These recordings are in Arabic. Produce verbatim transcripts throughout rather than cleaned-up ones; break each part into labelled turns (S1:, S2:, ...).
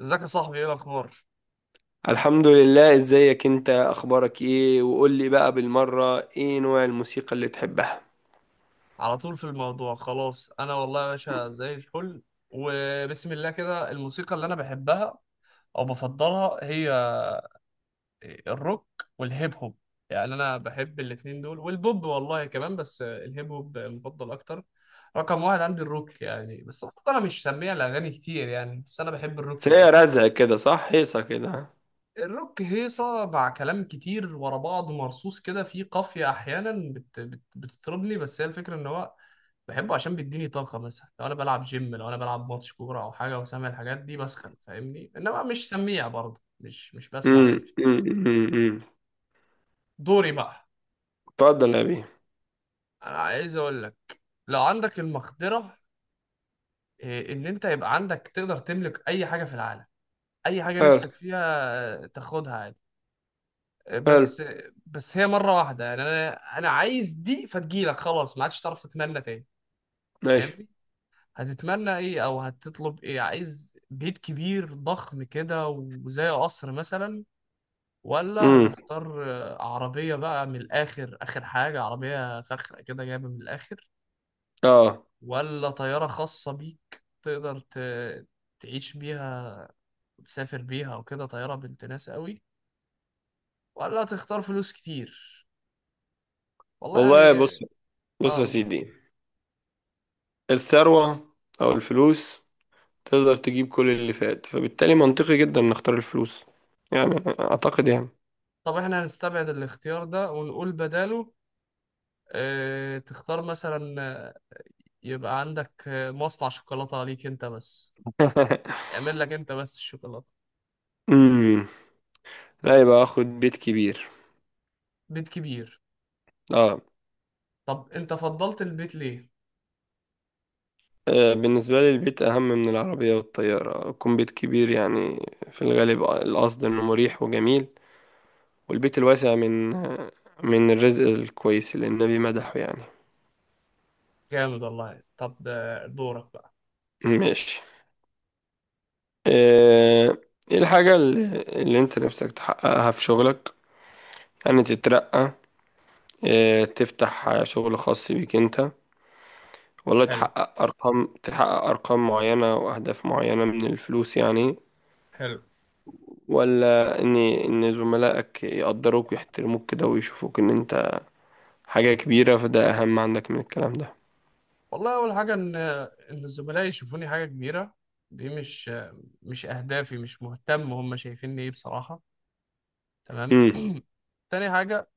S1: ازيك يا صاحبي؟ ايه الاخبار؟
S2: الحمد لله، ازيك انت؟ اخبارك ايه؟ وقول لي بقى بالمرة، ايه نوع الموسيقى اللي تحبها؟
S1: على طول في الموضوع خلاص. انا والله يا باشا زي الفل، وبسم الله كده الموسيقى اللي انا بحبها او بفضلها هي الروك والهيب هوب. يعني انا بحب الاتنين دول والبوب والله كمان، بس الهيب هوب مفضل اكتر. رقم واحد عندي الروك يعني، بس برضه انا مش سميع الاغاني كتير، يعني بس انا بحب الروك
S2: بس
S1: جدا.
S2: هي رزق كده، صح؟ هيصة كده.
S1: الروك هيصه مع كلام كتير ورا بعض مرصوص كده، فيه قافيه احيانا بت بت بتطربني، بس هي الفكره ان هو بحبه عشان بيديني طاقة. مثلا لو أنا بلعب جيم، لو أنا بلعب ماتش كورة أو حاجة وسامع الحاجات دي بسخن، فاهمني؟ إنما مش سميع برضه، مش مش بسمع
S2: امم.
S1: أغاني.
S2: امم. امم.
S1: دوري بقى.
S2: اتفضل يا بيه.
S1: أنا عايز أقول لك، لو عندك المقدرة إيه، إن أنت يبقى عندك تقدر تملك أي حاجة في العالم، أي حاجة
S2: حلو.
S1: نفسك فيها، آه، تاخدها عادي. آه،
S2: حلو.
S1: بس آه، بس هي مرة واحدة يعني. أنا أنا عايز دي فتجيلك خلاص، ما عادش تعرف تتمنى تاني،
S2: ماشي.
S1: فاهمني؟ هتتمنى ايه او هتطلب ايه؟ عايز بيت كبير ضخم كده وزي قصر مثلا، ولا
S2: امم.
S1: هتختار آه، عربية بقى من الآخر، آخر حاجة عربية فخرة كده جايبة من الآخر،
S2: اه،
S1: ولا طيارة خاصة بيك تقدر ت- تعيش بيها وتسافر بيها وكده، طيارة بنت ناس قوي، ولا هتختار فلوس كتير؟ والله
S2: والله
S1: يعني،
S2: بص،
S1: اه
S2: بص يا
S1: اقول.
S2: سيدي، الثروة او الفلوس تقدر تجيب كل اللي فات، فبالتالي منطقي جدا نختار الفلوس، يعني اعتقد يعني.
S1: طب احنا هنستبعد الاختيار ده ونقول بداله اه تختار مثلا يبقى عندك مصنع شوكولاتة ليك انت بس، يعمل لك انت بس الشوكولاتة.
S2: امم. لا، يبقى اخد بيت كبير.
S1: بيت كبير؟
S2: اه.
S1: طب انت فضلت البيت ليه؟
S2: آه، بالنسبة لي البيت أهم من العربية والطيارة، يكون بيت كبير يعني، في الغالب القصد إنه مريح وجميل، والبيت الواسع من آه، من الرزق الكويس اللي النبي مدحه يعني.
S1: جامد والله. طب آه، دورك بقى.
S2: ماشي. آه، إيه الحاجة اللي اللي أنت نفسك تحققها في شغلك، يعني تترقى، آه، تفتح شغل خاص بيك أنت، والله
S1: حلو،
S2: تحقق أرقام تحقق أرقام معينة وأهداف معينة من الفلوس يعني،
S1: حلو.
S2: ولا ان ان زملائك يقدروك ويحترموك كده ويشوفوك ان انت حاجة كبيرة، فده اهم عندك من الكلام ده؟
S1: والله اول حاجة ان ان الزملاء يشوفوني حاجة كبيرة دي مش مش اهدافي، مش مهتم هم شايفيني ايه بصراحة. تمام.
S2: امم.
S1: تاني حاجة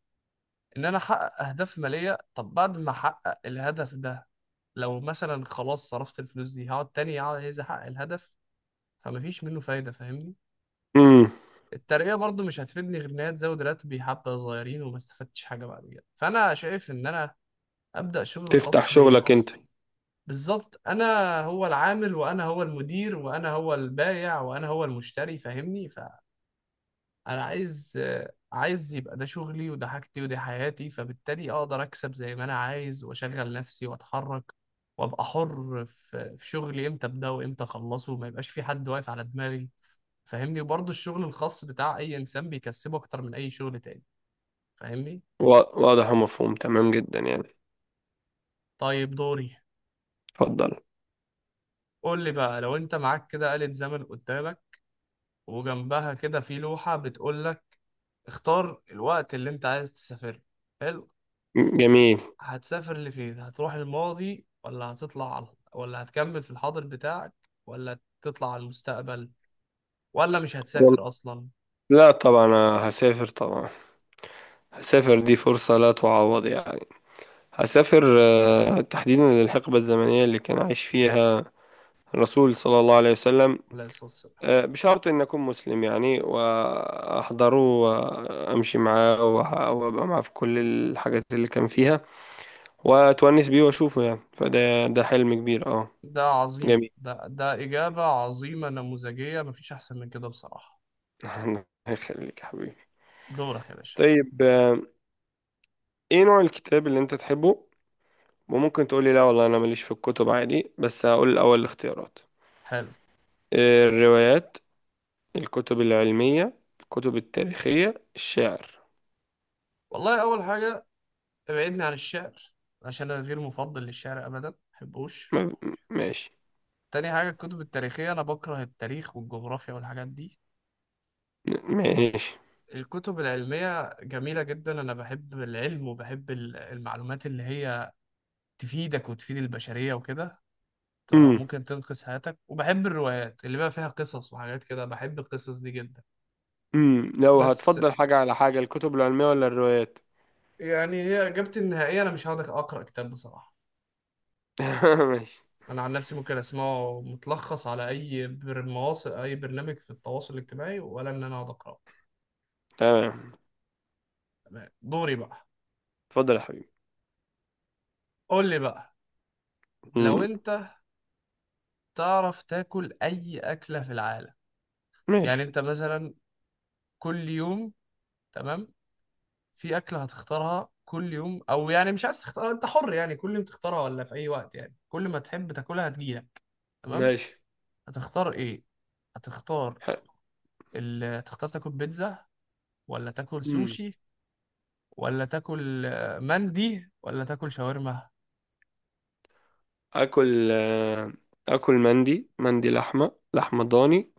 S1: ان انا احقق اهداف مالية. طب بعد ما احقق الهدف ده، لو مثلا خلاص صرفت الفلوس دي، هقعد تاني عايز احقق الهدف، فمفيش منه فايدة، فاهمني؟
S2: امم.
S1: الترقية برضو مش هتفيدني غير إن هي تزود راتبي حبة صغيرين وما استفدتش حاجة بعد كده، فأنا شايف إن أنا أبدأ شغل
S2: تفتح
S1: خاص بيا.
S2: شغلك انت.
S1: بالظبط، أنا هو العامل وأنا هو المدير وأنا هو البائع وأنا هو المشتري، فاهمني؟ فأنا عايز، آه، عايز يبقى ده شغلي وده حاجتي ودي حياتي، فبالتالي أقدر أكسب زي ما أنا عايز وأشغل نفسي وأتحرك وأبقى حر في في شغلي، إمتى أبدأ وإمتى أخلصه وما يبقاش في حد واقف على دماغي، فاهمني؟ وبرضه الشغل الخاص بتاع اي انسان بيكسبه اكتر من اي شغل تاني، فاهمني؟
S2: وا- واضح ومفهوم تمام جدا يعني.
S1: طيب، دوري.
S2: اتفضل.
S1: قول لي بقى، لو انت معاك كده آلة زمن قدامك، وجنبها كده في لوحة بتقول لك اختار الوقت اللي انت عايز تسافر له. حلو.
S2: جميل.
S1: هتسافر لفين؟ هتروح الماضي، ولا هتطلع على، ولا هتكمل في الحاضر بتاعك، ولا تطلع على المستقبل، ولا مش
S2: وال-
S1: هتسافر اصلا؟
S2: لا، طبعا أنا هسافر طبعا، هسافر، دي فرصة لا تعوض يعني. هسافر آه، تحديدا للحقبة الزمنية اللي كان عايش فيها الرسول صلى الله عليه وسلم.
S1: ولا الصلاة.
S2: آه، بشرط إن أكون مسلم يعني، وأحضره وأمشي معاه وأح- وأبقى معاه في كل الحاجات اللي كان فيها، وأتونس بيه وأشوفه يعني، فده ده حلم كبير، أه.
S1: ده عظيم،
S2: جميل.
S1: ده ده إجابة عظيمة نموذجية، مفيش أحسن من كده بصراحة.
S2: الله يخليك يا حبيبي.
S1: دورك يا باشا.
S2: طيب، آه، إيه نوع الكتاب اللي أنت تحبه؟ وممكن تقولي: لا والله أنا ماليش في الكتب، عادي. بس هقول الأول الاختيارات،
S1: حلو.
S2: آه، الروايات، الكتب العلمية، الكتب التاريخية، الشعر.
S1: والله أول حاجة ابعدني عن الشعر، عشان أنا غير مفضل للشعر أبدا، مبحبوش.
S2: ما- ماشي.
S1: تاني حاجة الكتب التاريخية، أنا بكره التاريخ والجغرافيا والحاجات دي.
S2: ماشي.
S1: الكتب العلمية جميلة جدا، أنا بحب العلم وبحب ال- المعلومات اللي هي تفيدك وتفيد البشرية وكده، ت- أو ممكن تنقذ حياتك. وبحب الروايات اللي بقى فيها قصص وحاجات كده، بحب القصص دي جدا.
S2: امم. لو
S1: بس
S2: هتفضل حاجة على حاجة، الكتب العلمية ولا الروايات؟
S1: يعني هي إجابتي النهائية، أنا مش هقدر أقرأ كتاب بصراحة.
S2: ماشي.
S1: انا عن نفسي ممكن اسمعه متلخص على اي بر- مواصل، اي برنامج في التواصل الاجتماعي، ولا ان انا اقعد اقراه.
S2: تمام.
S1: تمام. دوري بقى.
S2: اتفضل يا حبيبي.
S1: قول لي بقى، لو
S2: امم.
S1: انت تعرف تاكل اي اكله في العالم، يعني
S2: ماشي.
S1: انت مثلا كل يوم. تمام؟ في اكله هتختارها كل يوم؟ او يعني مش عايز تختار، انت حر يعني كل يوم تختارها ولا في اي وقت، يعني كل ما تحب تاكلها هتجيلك. تمام؟
S2: ماشي.
S1: هتختار ايه؟ هتختار
S2: حلو.
S1: ال... هتختار تاكل بيتزا، ولا تاكل
S2: امم.
S1: سوشي، ولا تاكل آه، مندي، ولا تاكل شاورما؟
S2: اكل آه، اكل مندي، مندي لحمة، لحمة ضاني،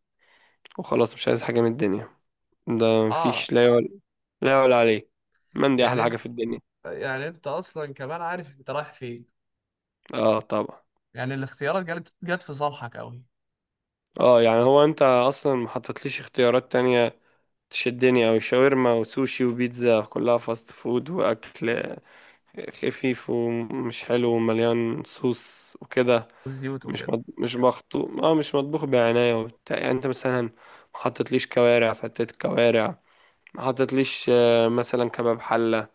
S2: وخلاص مش عايز حاجة من الدنيا. ده
S1: اه.
S2: مفيش، لا يعلى لا يعلى عليه. مندي
S1: يعني
S2: احلى حاجة
S1: انت،
S2: في الدنيا.
S1: يعني انت اصلا كمان عارف انت رايح فين.
S2: اه، طبعا.
S1: يعني الاختيارات جت جت في صالحك قوي.
S2: اه، يعني هو انت اصلا ما حطيتليش اختيارات تانية تشدني، او شاورما وسوشي وبيتزا، كلها فاست فود واكل خفيف ومش حلو ومليان صوص وكده.
S1: والزيوت
S2: مش
S1: وكده.
S2: مط... مش مخطوط اه مش مطبوخ بعناية وبتاع. يعني انت مثلا ما حطيتليش كوارع، فتت كوارع، ما حطيتليش آه، مثلا كباب حلة،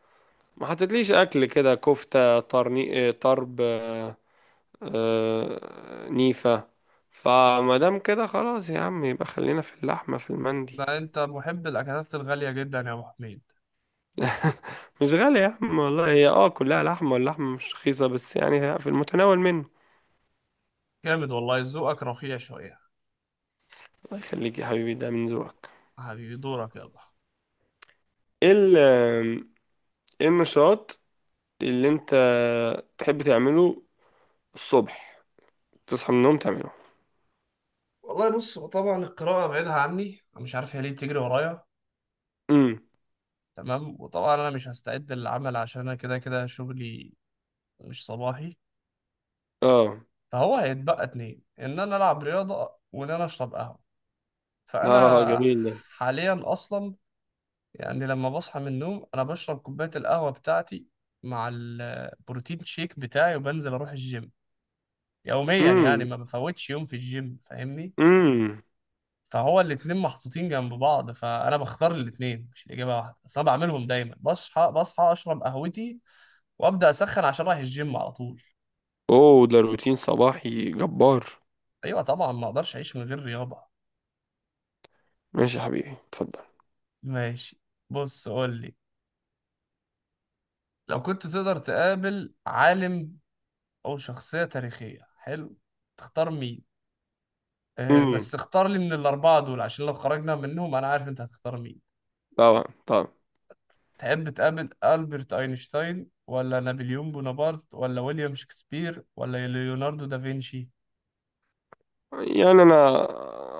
S2: ما حطيتليش اكل كده، كفتة، طرني... آه، طرب آه، آه، نيفة. فما دام كده، خلاص يا عم، يبقى خلينا في اللحمة، في المندي.
S1: ده انت محب الاكلات الغاليه جدا يا ابو حميد.
S2: مش غالي يا عم والله، هي اه كلها لحمة، واللحمة مش رخيصة بس يعني في المتناول منه.
S1: جامد والله، ذوقك رفيع شويه.
S2: الله يخليك يا حبيبي، ده من ذوقك.
S1: حبيبي، دورك يلا.
S2: ايه ال- ايه النشاط اللي انت تحب تعمله الصبح؟ تصحى من النوم تعمله.
S1: والله بص، هو طبعا القراءه بعيدها عني، أنا مش عارف هي ليه بتجري ورايا.
S2: امم.
S1: تمام. وطبعا انا مش هستعد للعمل عشان انا كده كده شغلي مش صباحي.
S2: اه.
S1: فهو هيتبقى اتنين، ان انا العب رياضه وان انا اشرب قهوه، فأنا
S2: اه، جميل ده.
S1: حاليا أصلا، يعني لما بصحى من النوم، أنا بشرب كوباية القهوة بتاعتي مع البروتين شيك بتاعي، وبنزل أروح الجيم، يوميا يعني،
S2: امم.
S1: ما بفوتش يوم في الجيم، فاهمني؟
S2: امم.
S1: فهو الاتنين محطوطين جنب بعض، فأنا بختار الاتنين، مش الإجابة واحدة بس، أنا بعملهم دايما. بصحى بصحى أشرب قهوتي، وأبدأ أسخن عشان رايح الجيم على طول.
S2: اوه، ده روتين صباحي جبار.
S1: أيوة طبعا، ما أقدرش أعيش من غير رياضة.
S2: ماشي يا حبيبي، اتفضل.
S1: ماشي، بص قول لي، لو كنت تقدر تقابل عالم أو شخصية تاريخية، حلو؟ تختار مين؟ آه
S2: امم.
S1: بس اختار لي من الأربعة دول، عشان لو خرجنا منهم أنا عارف أنت هتختار مين.
S2: طبعا، طبعا.
S1: تحب تقابل ألبرت أينشتاين، ولا نابليون بونابرت، ولا ويليام شكسبير، ولا ليوناردو دافنشي؟
S2: يعني انا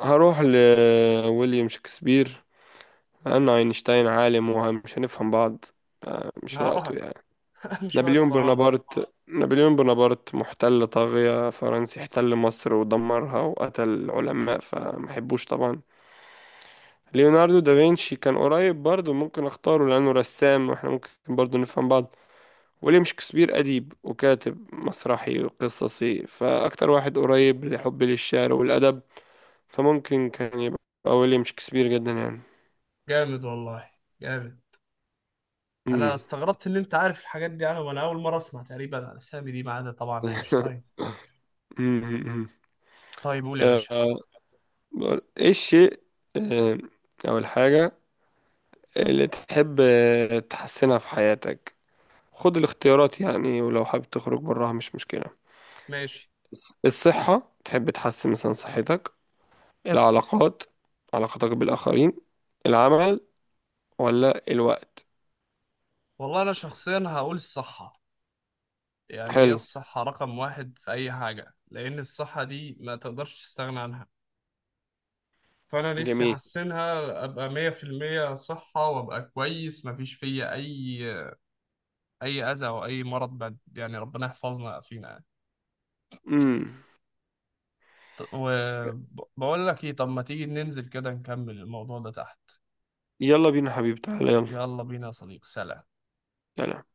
S2: هروح لويليام شكسبير، لانه اينشتاين عالم ومش هنفهم بعض، آه، مش وقته
S1: آه.
S2: يعني.
S1: مش وقت
S2: نابليون
S1: فرهضة.
S2: بونابرت نابليون بونابرت محتل طاغية فرنسي، احتل مصر ودمرها وقتل العلماء، فمحبوش طبعا. ليوناردو دافنشي كان قريب برضه، ممكن اختاره لأنه رسام واحنا ممكن برضه نفهم بعض. ويليام شكسبير أديب وكاتب مسرحي وقصصي، فأكتر واحد قريب لحبي للشعر والأدب، فممكن كان يبقى ويليام شكسبير، جدا يعني.
S1: جامد والله، جامد. أنا
S2: مم.
S1: استغربت إن أنت عارف الحاجات دي، أنا وأنا أول مرة أسمع تقريبا عن الأسامي دي، ما عدا طبعا أينشتاين.
S2: مم.
S1: طيب قول يا
S2: آه،
S1: باشا.
S2: بقول- ايه الشيء، آه، أول حاجة اللي تحب تحسنها في حياتك؟ خد الاختيارات يعني، ولو حابب تخرج براها مش مشكلة.
S1: ماشي.
S2: بس- الصحة، تحب تحسن مثلا صحتك، العلاقات، علاقتك بالآخرين، العمل، ولا الوقت؟
S1: والله أنا شخصيا هقول الصح، يعني هي
S2: حلو.
S1: الصحة رقم واحد في أي حاجة، لأن الصحة دي ما تقدرش تستغنى عنها. فأنا نفسي
S2: جميل.
S1: أحسنها، أبقى مية في المية صحة، وأبقى كويس مفيش فيا أي أي أذى أو أي مرض بعد، يعني ربنا يحفظنا فينا يعني.
S2: امم.
S1: وبقول لك إيه، طب ما تيجي ننزل كده نكمل الموضوع ده تحت.
S2: يلا بينا حبيبي، تعالى يلا.
S1: يلا بينا يا صديقي، سلام.
S2: سلام.